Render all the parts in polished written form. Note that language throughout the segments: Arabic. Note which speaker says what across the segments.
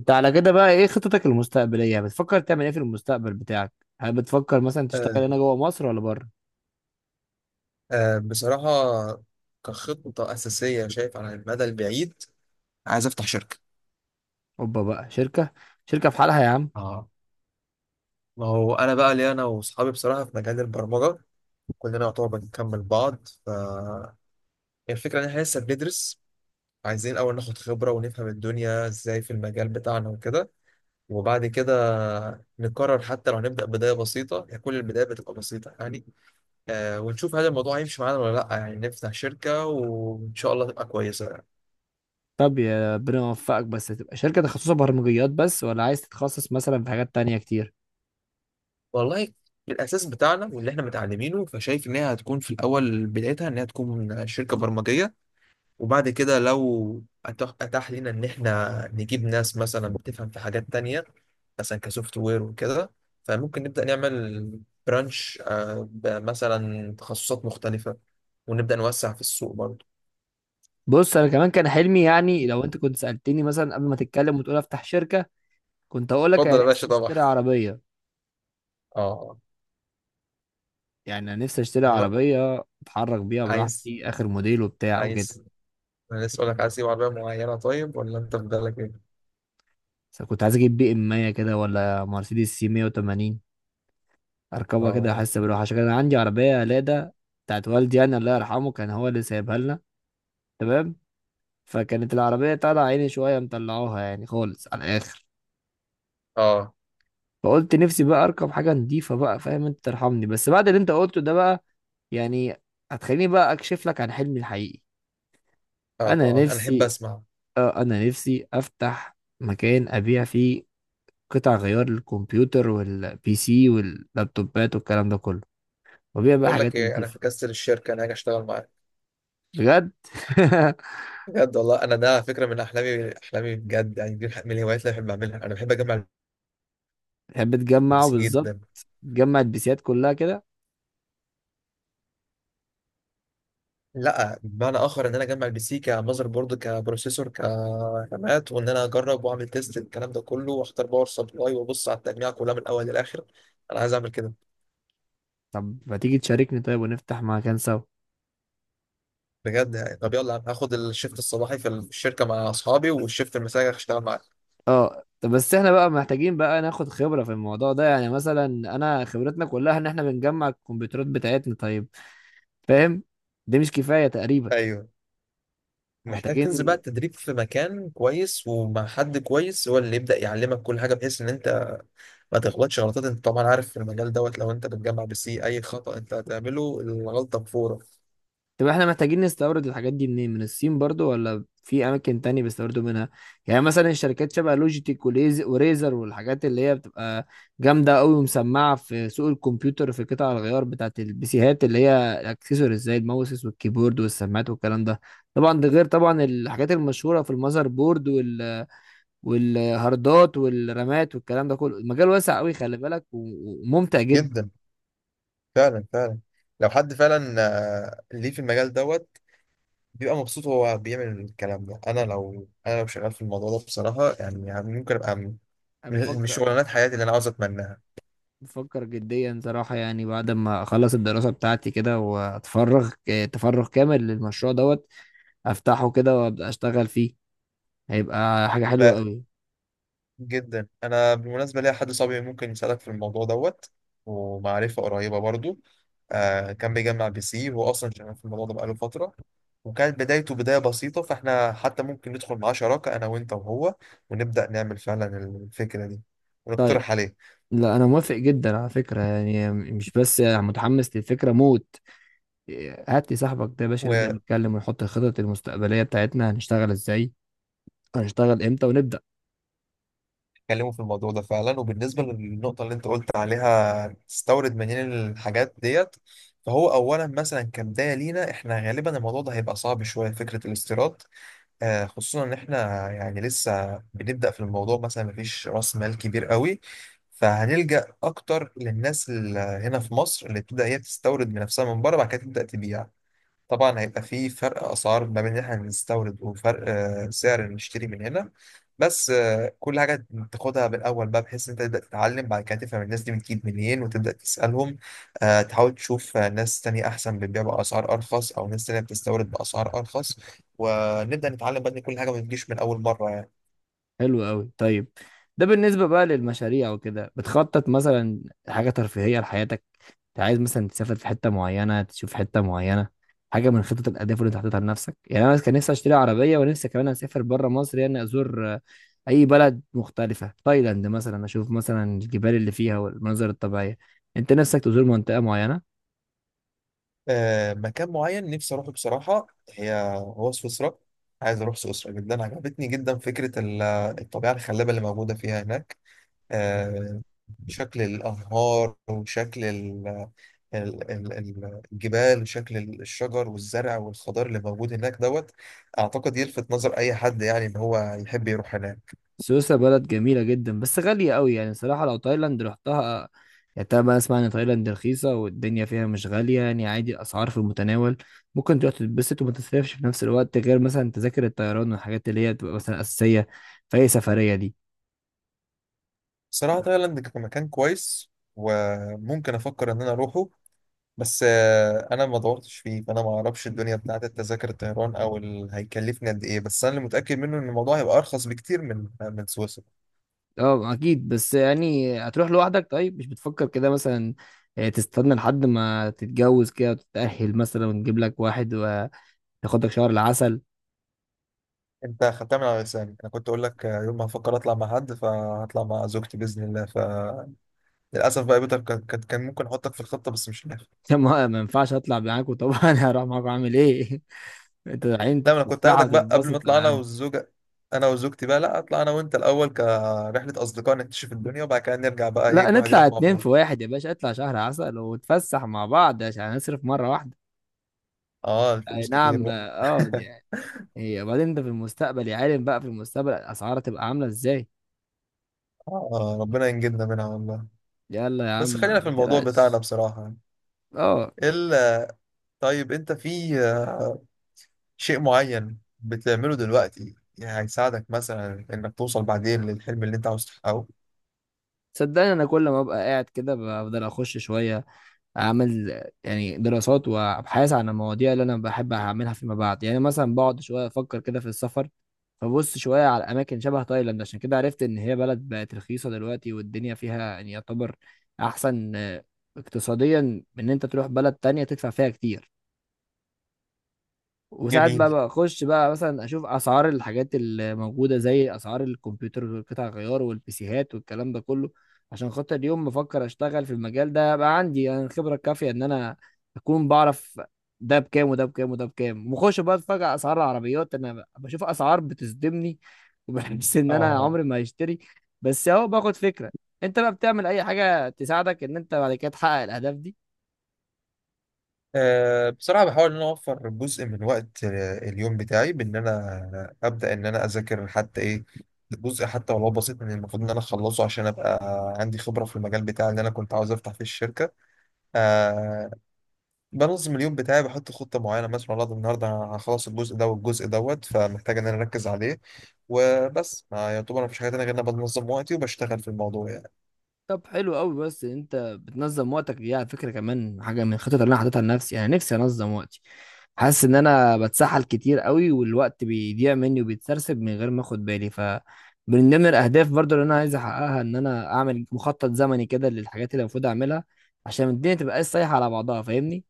Speaker 1: انت على كده بقى ايه خطتك المستقبليه؟ بتفكر تعمل ايه في المستقبل بتاعك؟ هل بتفكر مثلا تشتغل هنا
Speaker 2: آه،
Speaker 1: جوه مصر ولا بره؟
Speaker 2: بصراحة، كخطة أساسية شايف على المدى البعيد عايز أفتح شركة.
Speaker 1: اوبا بقى شركه، شركه في حالها يا عم.
Speaker 2: اه. ما هو أنا بقى ليه؟ أنا وأصحابي بصراحة في مجال البرمجة كلنا يعتبر بنكمل بعض، فالفكرة إن إحنا لسه بندرس، عايزين الأول ناخد خبرة ونفهم الدنيا إزاي في المجال بتاعنا وكده، وبعد كده نقرر. حتى لو هنبدأ بداية بسيطة يعني، كل البداية بتبقى بسيطة يعني. ونشوف هل الموضوع هيمشي معانا ولا لأ، يعني نفتح شركة وإن شاء الله تبقى كويسة.
Speaker 1: طب يا ربنا يوفقك، بس تبقى شركه تخصصها برمجيات بس، ولا عايز تتخصص مثلا في حاجات تانية كتير؟
Speaker 2: والله، الاساس بتاعنا واللي احنا متعلمينه، فشايف ان هي هتكون في الاول بدايتها ان هي تكون شركه برمجيه. وبعد كده لو أتاح لنا ان احنا نجيب ناس مثلا بتفهم في حاجات تانية، مثلا كسوفت وير وكده، فممكن نبدا نعمل برانش، مثلا تخصصات مختلفه، ونبدا نوسع في السوق برضه.
Speaker 1: بص انا كمان كان حلمي، يعني لو انت كنت سالتني مثلا قبل ما تتكلم وتقول افتح شركه، كنت اقول لك انا
Speaker 2: اتفضل يا باشا
Speaker 1: نفسي
Speaker 2: طبعا.
Speaker 1: اشتري عربيه.
Speaker 2: اه.
Speaker 1: يعني انا نفسي اشتري
Speaker 2: من-
Speaker 1: عربيه اتحرك بيها
Speaker 2: عايز
Speaker 1: براحتي، اخر موديل وبتاع وكده.
Speaker 2: عايز انا لسه اقول لك، عايز تجيب عربيه معينه؟ طيب، ولا انت في بالك ايه؟
Speaker 1: بس كنت عايز اجيب بي ام 100 كده، ولا مرسيدس سي 180، اركبها كده
Speaker 2: اه،
Speaker 1: احس بالراحه، عشان كان عندي عربيه لادا بتاعت والدي، يعني الله يرحمه كان هو اللي سايبها لنا. تمام، فكانت العربيه طالعه عيني شويه، مطلعوها يعني خالص على الاخر.
Speaker 2: اه،
Speaker 1: فقلت نفسي بقى اركب حاجه نضيفه بقى، فاهم؟ انت ترحمني بس بعد اللي انت قلته ده بقى، يعني هتخليني بقى اكشف لك عن حلمي الحقيقي.
Speaker 2: اه،
Speaker 1: انا
Speaker 2: اه، انا احب
Speaker 1: نفسي،
Speaker 2: اسمع.
Speaker 1: اه انا نفسي افتح مكان ابيع فيه قطع غيار للكمبيوتر والبي سي واللابتوبات والكلام ده كله، وابيع بقى
Speaker 2: بقول لك
Speaker 1: حاجات
Speaker 2: ايه، انا في
Speaker 1: نضيفه.
Speaker 2: كاستل الشركه انا هاجي اشتغل معاك.
Speaker 1: بجد؟
Speaker 2: بجد والله، انا ده على فكره من احلامي، احلامي بجد يعني، دي من الهوايات اللي بحب اعملها. انا بحب اجمع
Speaker 1: تحب
Speaker 2: البي
Speaker 1: تجمع
Speaker 2: سي
Speaker 1: بالظبط؟
Speaker 2: جدا.
Speaker 1: تجمع البيسيات كلها كده؟
Speaker 2: لا، بمعنى اخر ان انا اجمع البي سي كمذر بورد، كبروسيسور، كرامات، وان انا اجرب واعمل تيست الكلام ده كله، واختار باور سبلاي، وابص على التجميع كلها من الاول للاخر. انا عايز اعمل كده.
Speaker 1: طب ما تيجي تشاركني طيب، ونفتح مكان سوا.
Speaker 2: بجد يعني؟ طب يلا هاخد الشيفت الصباحي في الشركه مع اصحابي، والشيفت المسائي هشتغل معاك.
Speaker 1: اه طب بس احنا بقى محتاجين بقى ناخد خبرة في الموضوع ده، يعني مثلا انا خبرتنا كلها ان احنا بنجمع الكمبيوترات بتاعتنا، طيب، فاهم؟ دي مش كفاية تقريبا.
Speaker 2: ايوه. محتاج تنزل بقى
Speaker 1: محتاجين،
Speaker 2: التدريب في مكان كويس، ومع حد كويس هو اللي يبدأ يعلمك كل حاجة، بحيث ان انت ما تغلطش غلطات. انت طبعا عارف في المجال دوت، لو انت بتجمع بسي اي خطأ انت هتعمله، الغلطة بفورة.
Speaker 1: طب احنا محتاجين نستورد الحاجات دي منين؟ من الصين برضو، ولا في اماكن تانية بيستوردوا منها؟ يعني مثلا الشركات شبه لوجيتك وليز وريزر والحاجات اللي هي بتبقى جامدة قوي ومسمعة في سوق الكمبيوتر، في قطع الغيار بتاعت البيسيهات اللي هي الاكسسوارز زي الماوسز والكيبورد والسماعات والكلام ده. طبعا ده غير طبعا الحاجات المشهورة في المذر بورد، وال... والهاردات والرامات والكلام ده كله. المجال واسع قوي، خلي بالك، وممتع جدا.
Speaker 2: جدا، فعلا فعلا. لو حد فعلا ليه في المجال دوت بيبقى مبسوط وهو بيعمل الكلام ده، انا لو شغال في الموضوع ده بصراحة يعني ممكن ابقى من
Speaker 1: انا
Speaker 2: من
Speaker 1: بفكر،
Speaker 2: شغلانات حياتي اللي انا عاوز اتمناها.
Speaker 1: بفكر جديا صراحة، يعني بعد ما أخلص الدراسة بتاعتي كده وأتفرغ تفرغ كامل للمشروع دوت، أفتحه كده وأبدأ أشتغل فيه، هيبقى حاجة حلوة أوي.
Speaker 2: جدا، انا بالمناسبه ليا حد صاحبي ممكن يساعدك في الموضوع دوت، ومعرفه قريبه برضو. كان بيجمع بي سي، هو اصلا شغال في الموضوع ده بقاله فتره، وكانت بدايته بدايه بسيطه، فاحنا حتى ممكن ندخل معاه شراكه انا وانت وهو، ونبدا نعمل فعلا الفكره دي
Speaker 1: طيب
Speaker 2: ونقترح عليه
Speaker 1: لا، أنا موافق جدا على فكرة، يعني مش بس متحمس للفكرة موت. هات لي صاحبك ده يا باشا نبدأ
Speaker 2: ونكلمه
Speaker 1: نتكلم ونحط الخطط المستقبلية بتاعتنا، هنشتغل إزاي، هنشتغل إمتى ونبدأ.
Speaker 2: في الموضوع ده فعلا. وبالنسبه للنقطه اللي انت قلت عليها تستورد منين الحاجات ديت، فهو اولا مثلا كبدايه لينا احنا غالبا الموضوع ده هيبقى صعب شويه، فكره الاستيراد. خصوصا ان احنا يعني لسه بنبدأ في الموضوع، مثلا مفيش راس مال كبير قوي، فهنلجأ اكتر للناس اللي هنا في مصر اللي تبدأ هي تستورد من نفسها من بره بعد كده تبدأ تبيع. طبعا هيبقى في فرق اسعار ما بين اللي احنا بنستورد وفرق سعر نشتري من هنا. بس كل حاجه تاخدها بالاول بقى بحيث ان انت تبدا تتعلم، بعد كده تفهم الناس دي بتجيب منين وتبدا تسالهم. تحاول تشوف ناس تانية احسن بتبيع باسعار ارخص، او ناس تانية بتستورد باسعار ارخص. ونبدا نتعلم بقى ان كل حاجه ما بتجيش من اول مره يعني.
Speaker 1: حلو قوي، طيب. ده بالنسبة بقى للمشاريع وكده، بتخطط مثلا حاجة ترفيهية لحياتك؟ انت عايز مثلا تسافر في حتة معينة، تشوف حتة معينة، حاجة من خطط الأهداف اللي انت حاططها لنفسك؟ يعني أنا كان نفسي أشتري عربية، ونفسي كمان أسافر بره مصر، يعني أزور أي بلد مختلفة، تايلاند مثلا، أشوف مثلا الجبال اللي فيها والمناظر الطبيعية. انت نفسك تزور منطقة معينة؟
Speaker 2: مكان معين نفسي اروحه بصراحه، هو سويسرا. عايز اروح سويسرا جدا، عجبتني جدا فكره الطبيعه الخلابه اللي موجوده فيها هناك. آه، شكل الأنهار، وشكل الجبال، وشكل الشجر والزرع والخضار اللي موجود هناك دوت. أعتقد يلفت نظر أي حد يعني إن هو يحب يروح هناك.
Speaker 1: سويسرا بلد جميلة جدا، بس غالية قوي يعني صراحة. لو تايلاند رحتها، يعني طبعا بقى اسمع ان تايلاند رخيصة والدنيا فيها مش غالية، يعني عادي الاسعار في المتناول، ممكن تروح تتبسط وما تصرفش في نفس الوقت غير مثلا تذاكر الطيران والحاجات اللي هي بتبقى مثلا اساسية في اي سفرية دي.
Speaker 2: صراحة تايلاند كمكان كويس، وممكن أفكر إن أنا أروحه، بس أنا ما دورتش فيه، فأنا ما أعرفش الدنيا بتاعت التذاكر الطيران أو هيكلفني قد إيه. بس أنا اللي متأكد منه إن الموضوع هيبقى أرخص بكتير من سويسرا.
Speaker 1: اه اكيد، بس يعني هتروح لوحدك؟ طيب مش بتفكر كده مثلا، تستنى لحد ما تتجوز كده وتتأهل مثلا، ونجيب لك واحد وتاخدك شهر العسل؟
Speaker 2: انت خدتها من على لساني، انا كنت اقول لك يوم ما هفكر اطلع مع حد فهطلع مع زوجتي باذن الله. فللاسف بقى بيتك، كان ممكن احطك في الخطه بس مش نافع.
Speaker 1: ما ينفعش اطلع معاكوا؟ طبعا هروح معاكوا، اعمل ايه؟ انت عين
Speaker 2: لا، ما انا كنت
Speaker 1: تتفسح
Speaker 2: هاخدك بقى قبل ما
Speaker 1: وتتبسط
Speaker 2: اطلع
Speaker 1: يا
Speaker 2: انا
Speaker 1: عم.
Speaker 2: والزوجه، انا وزوجتي بقى. لا، اطلع انا وانت الاول كرحله اصدقاء نكتشف الدنيا، وبعد كده نرجع بقى، ايه،
Speaker 1: لا،
Speaker 2: كل واحد
Speaker 1: نطلع
Speaker 2: يروح مع
Speaker 1: اتنين في
Speaker 2: بعضه.
Speaker 1: واحد يا باشا، اطلع شهر عسل ونتفسح مع بعض، عشان هنصرف مرة واحدة.
Speaker 2: اه،
Speaker 1: اي
Speaker 2: الفلوس كتير
Speaker 1: نعم،
Speaker 2: بقى
Speaker 1: اه دي يعني، هي وبعدين انت في المستقبل يا عالم بقى، في المستقبل الاسعار هتبقى عاملة ازاي.
Speaker 2: آه، ربنا ينجدنا منها والله.
Speaker 1: يلا يا عم
Speaker 2: بس خلينا في
Speaker 1: ما
Speaker 2: الموضوع بتاعنا
Speaker 1: تقلقش.
Speaker 2: بصراحه يعني.
Speaker 1: اه
Speaker 2: ال- طيب، انت في شيء معين بتعمله دلوقتي يعني هيساعدك مثلا انك توصل بعدين للحلم اللي انت عاوز تحققه؟
Speaker 1: صدقني انا كل ما ابقى قاعد كده بفضل اخش شوية، اعمل يعني دراسات وابحاث عن المواضيع اللي انا بحب اعملها فيما بعد، يعني مثلا بقعد شويه افكر كده في السفر، فبص شويه على اماكن شبه تايلاند، عشان كده عرفت ان هي بلد بقت رخيصه دلوقتي والدنيا فيها يعني يعتبر احسن اقتصاديا من ان انت تروح بلد تانية تدفع فيها كتير. وساعات
Speaker 2: جميل.
Speaker 1: بقى بخش بقى مثلا اشوف اسعار الحاجات اللي موجوده زي اسعار الكمبيوتر والقطع الغيار والبيسيهات والكلام ده كله، عشان خاطر اليوم بفكر اشتغل في المجال ده، بقى عندي انا الخبره الكافيه ان انا اكون بعرف ده بكام وده بكام وده بكام. وخش بقى اتفاجئ اسعار العربيات، انا بشوف اسعار بتصدمني وبحس ان
Speaker 2: اه.
Speaker 1: انا عمري ما هشتري، بس اهو باخد فكره. انت بقى بتعمل اي حاجه تساعدك ان انت بعد كده تحقق الاهداف دي؟
Speaker 2: بصراحة بحاول ان انا اوفر جزء من وقت اليوم بتاعي، بان انا ابدا ان انا اذاكر حتى ايه، جزء حتى ولو بسيط من المفروض ان انا اخلصه عشان ابقى عندي خبرة في المجال بتاعي اللي انا كنت عاوز افتح فيه الشركة. آه، بنظم اليوم بتاعي، بحط خطة معينة مثلا، والله ده النهاردة هخلص الجزء ده والجزء دوت فمحتاج إن أنا أركز عليه وبس. ما يعتبر مفيش حاجة تانية غير إن أنا بنظم وقتي وبشتغل في الموضوع يعني.
Speaker 1: طب حلو قوي، بس انت بتنظم وقتك دي على فكره كمان حاجه من الخطط اللي انا حاططها لنفسي، انا نفسي انظم وقتي. حاسس ان انا بتسحل كتير قوي، والوقت بيضيع مني وبيتسرسب من غير ما اخد بالي، ف من ضمن الاهداف برضو اللي انا عايز احققها ان انا اعمل مخطط زمني كده للحاجات اللي المفروض اعملها، عشان الدنيا تبقى سايحه على بعضها، فاهمني؟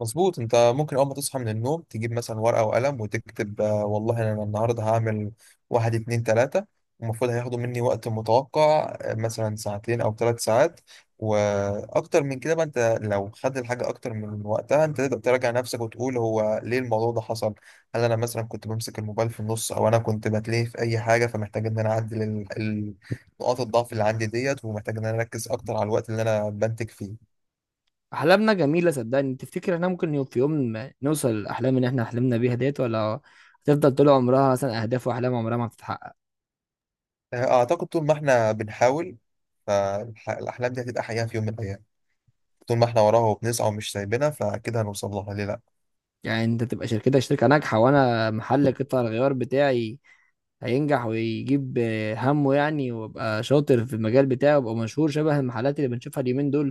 Speaker 2: مظبوط. انت ممكن اول ما تصحى من النوم تجيب مثلا ورقة وقلم وتكتب والله انا النهاردة هعمل واحد، اتنين، تلاتة، المفروض هياخدوا مني وقت متوقع مثلا ساعتين او 3 ساعات. واكتر من كده بقى، انت لو خد الحاجة اكتر من وقتها انت تقدر تراجع نفسك وتقول هو ليه الموضوع ده حصل؟ هل انا مثلا كنت بمسك الموبايل في النص، او انا كنت بتلهي في اي حاجة؟ فمحتاج ان انا اعدل نقاط الضعف اللي عندي ديت، ومحتاج ان انا اركز اكتر على الوقت اللي انا بنتج فيه.
Speaker 1: احلامنا جميله صدقني، تفتكر احنا ممكن في يوم ما نوصل الاحلام اللي احنا حلمنا بيها ديت، ولا هتفضل طول عمرها مثلا اهداف واحلام عمرها ما بتتحقق؟
Speaker 2: أعتقد طول ما إحنا بنحاول فالأحلام دي هتبقى حقيقة في يوم من الأيام. طول ما إحنا وراها وبنسعى ومش سايبينها فأكيد هنوصل لها، ليه لأ؟
Speaker 1: يعني انت تبقى شركتك شركة ناجحة، وانا محل قطع الغيار بتاعي هينجح ويجيب همه يعني، وابقى شاطر في المجال بتاعي وابقى مشهور شبه المحلات اللي بنشوفها اليومين دول.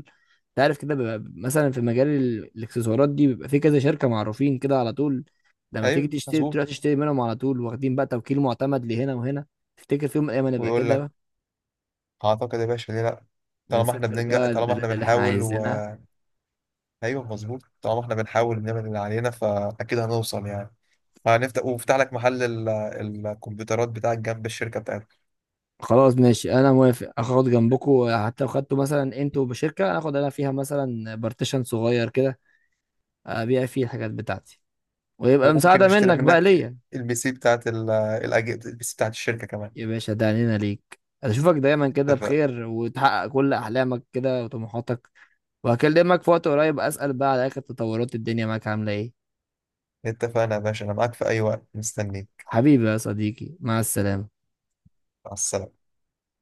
Speaker 1: انت عارف كده بيبقى مثلا في مجال الاكسسوارات دي بيبقى في كذا شركة معروفين كده على طول، لما تيجي
Speaker 2: أيوه
Speaker 1: تشتري بتروح
Speaker 2: مظبوط.
Speaker 1: تشتري منهم على طول، واخدين بقى توكيل معتمد لهنا وهنا. تفتكر في يوم من الايام هنبقى
Speaker 2: ويقول لك،
Speaker 1: كده،
Speaker 2: أعتقد يا باشا ليه لأ. طالما إحنا
Speaker 1: ونسافر
Speaker 2: بننجح،
Speaker 1: بقى
Speaker 2: طالما إحنا
Speaker 1: البلاد اللي احنا
Speaker 2: بنحاول و...
Speaker 1: عايزينها؟
Speaker 2: أيوه مظبوط. طالما إحنا بنحاول نعمل اللي علينا فأكيد هنوصل يعني. هنفتح وفتح لك محل الكمبيوترات بتاعك جنب الشركة بتاعتك.
Speaker 1: خلاص ماشي، انا موافق. اخد جنبكم، حتى لو خدتوا مثلا انتوا بشركه اخد انا فيها مثلا بارتيشن صغير كده، ابيع فيه الحاجات بتاعتي، ويبقى
Speaker 2: وممكن
Speaker 1: مساعده
Speaker 2: نشتري
Speaker 1: منك بقى
Speaker 2: منك
Speaker 1: ليا.
Speaker 2: البي سي بتاعت البي سي بتاعت الشركة كمان.
Speaker 1: يا باشا ده علينا ليك، اشوفك دايما كده
Speaker 2: اتفق.
Speaker 1: بخير وتحقق كل احلامك كده وطموحاتك. وهكلمك في وقت قريب اسال بقى على اخر تطورات الدنيا، معاك عامله ايه.
Speaker 2: اتفقنا يا باشا، أنا معاك في أي وقت مستنيك.
Speaker 1: حبيبي يا صديقي، مع السلامه.
Speaker 2: مع السلامة.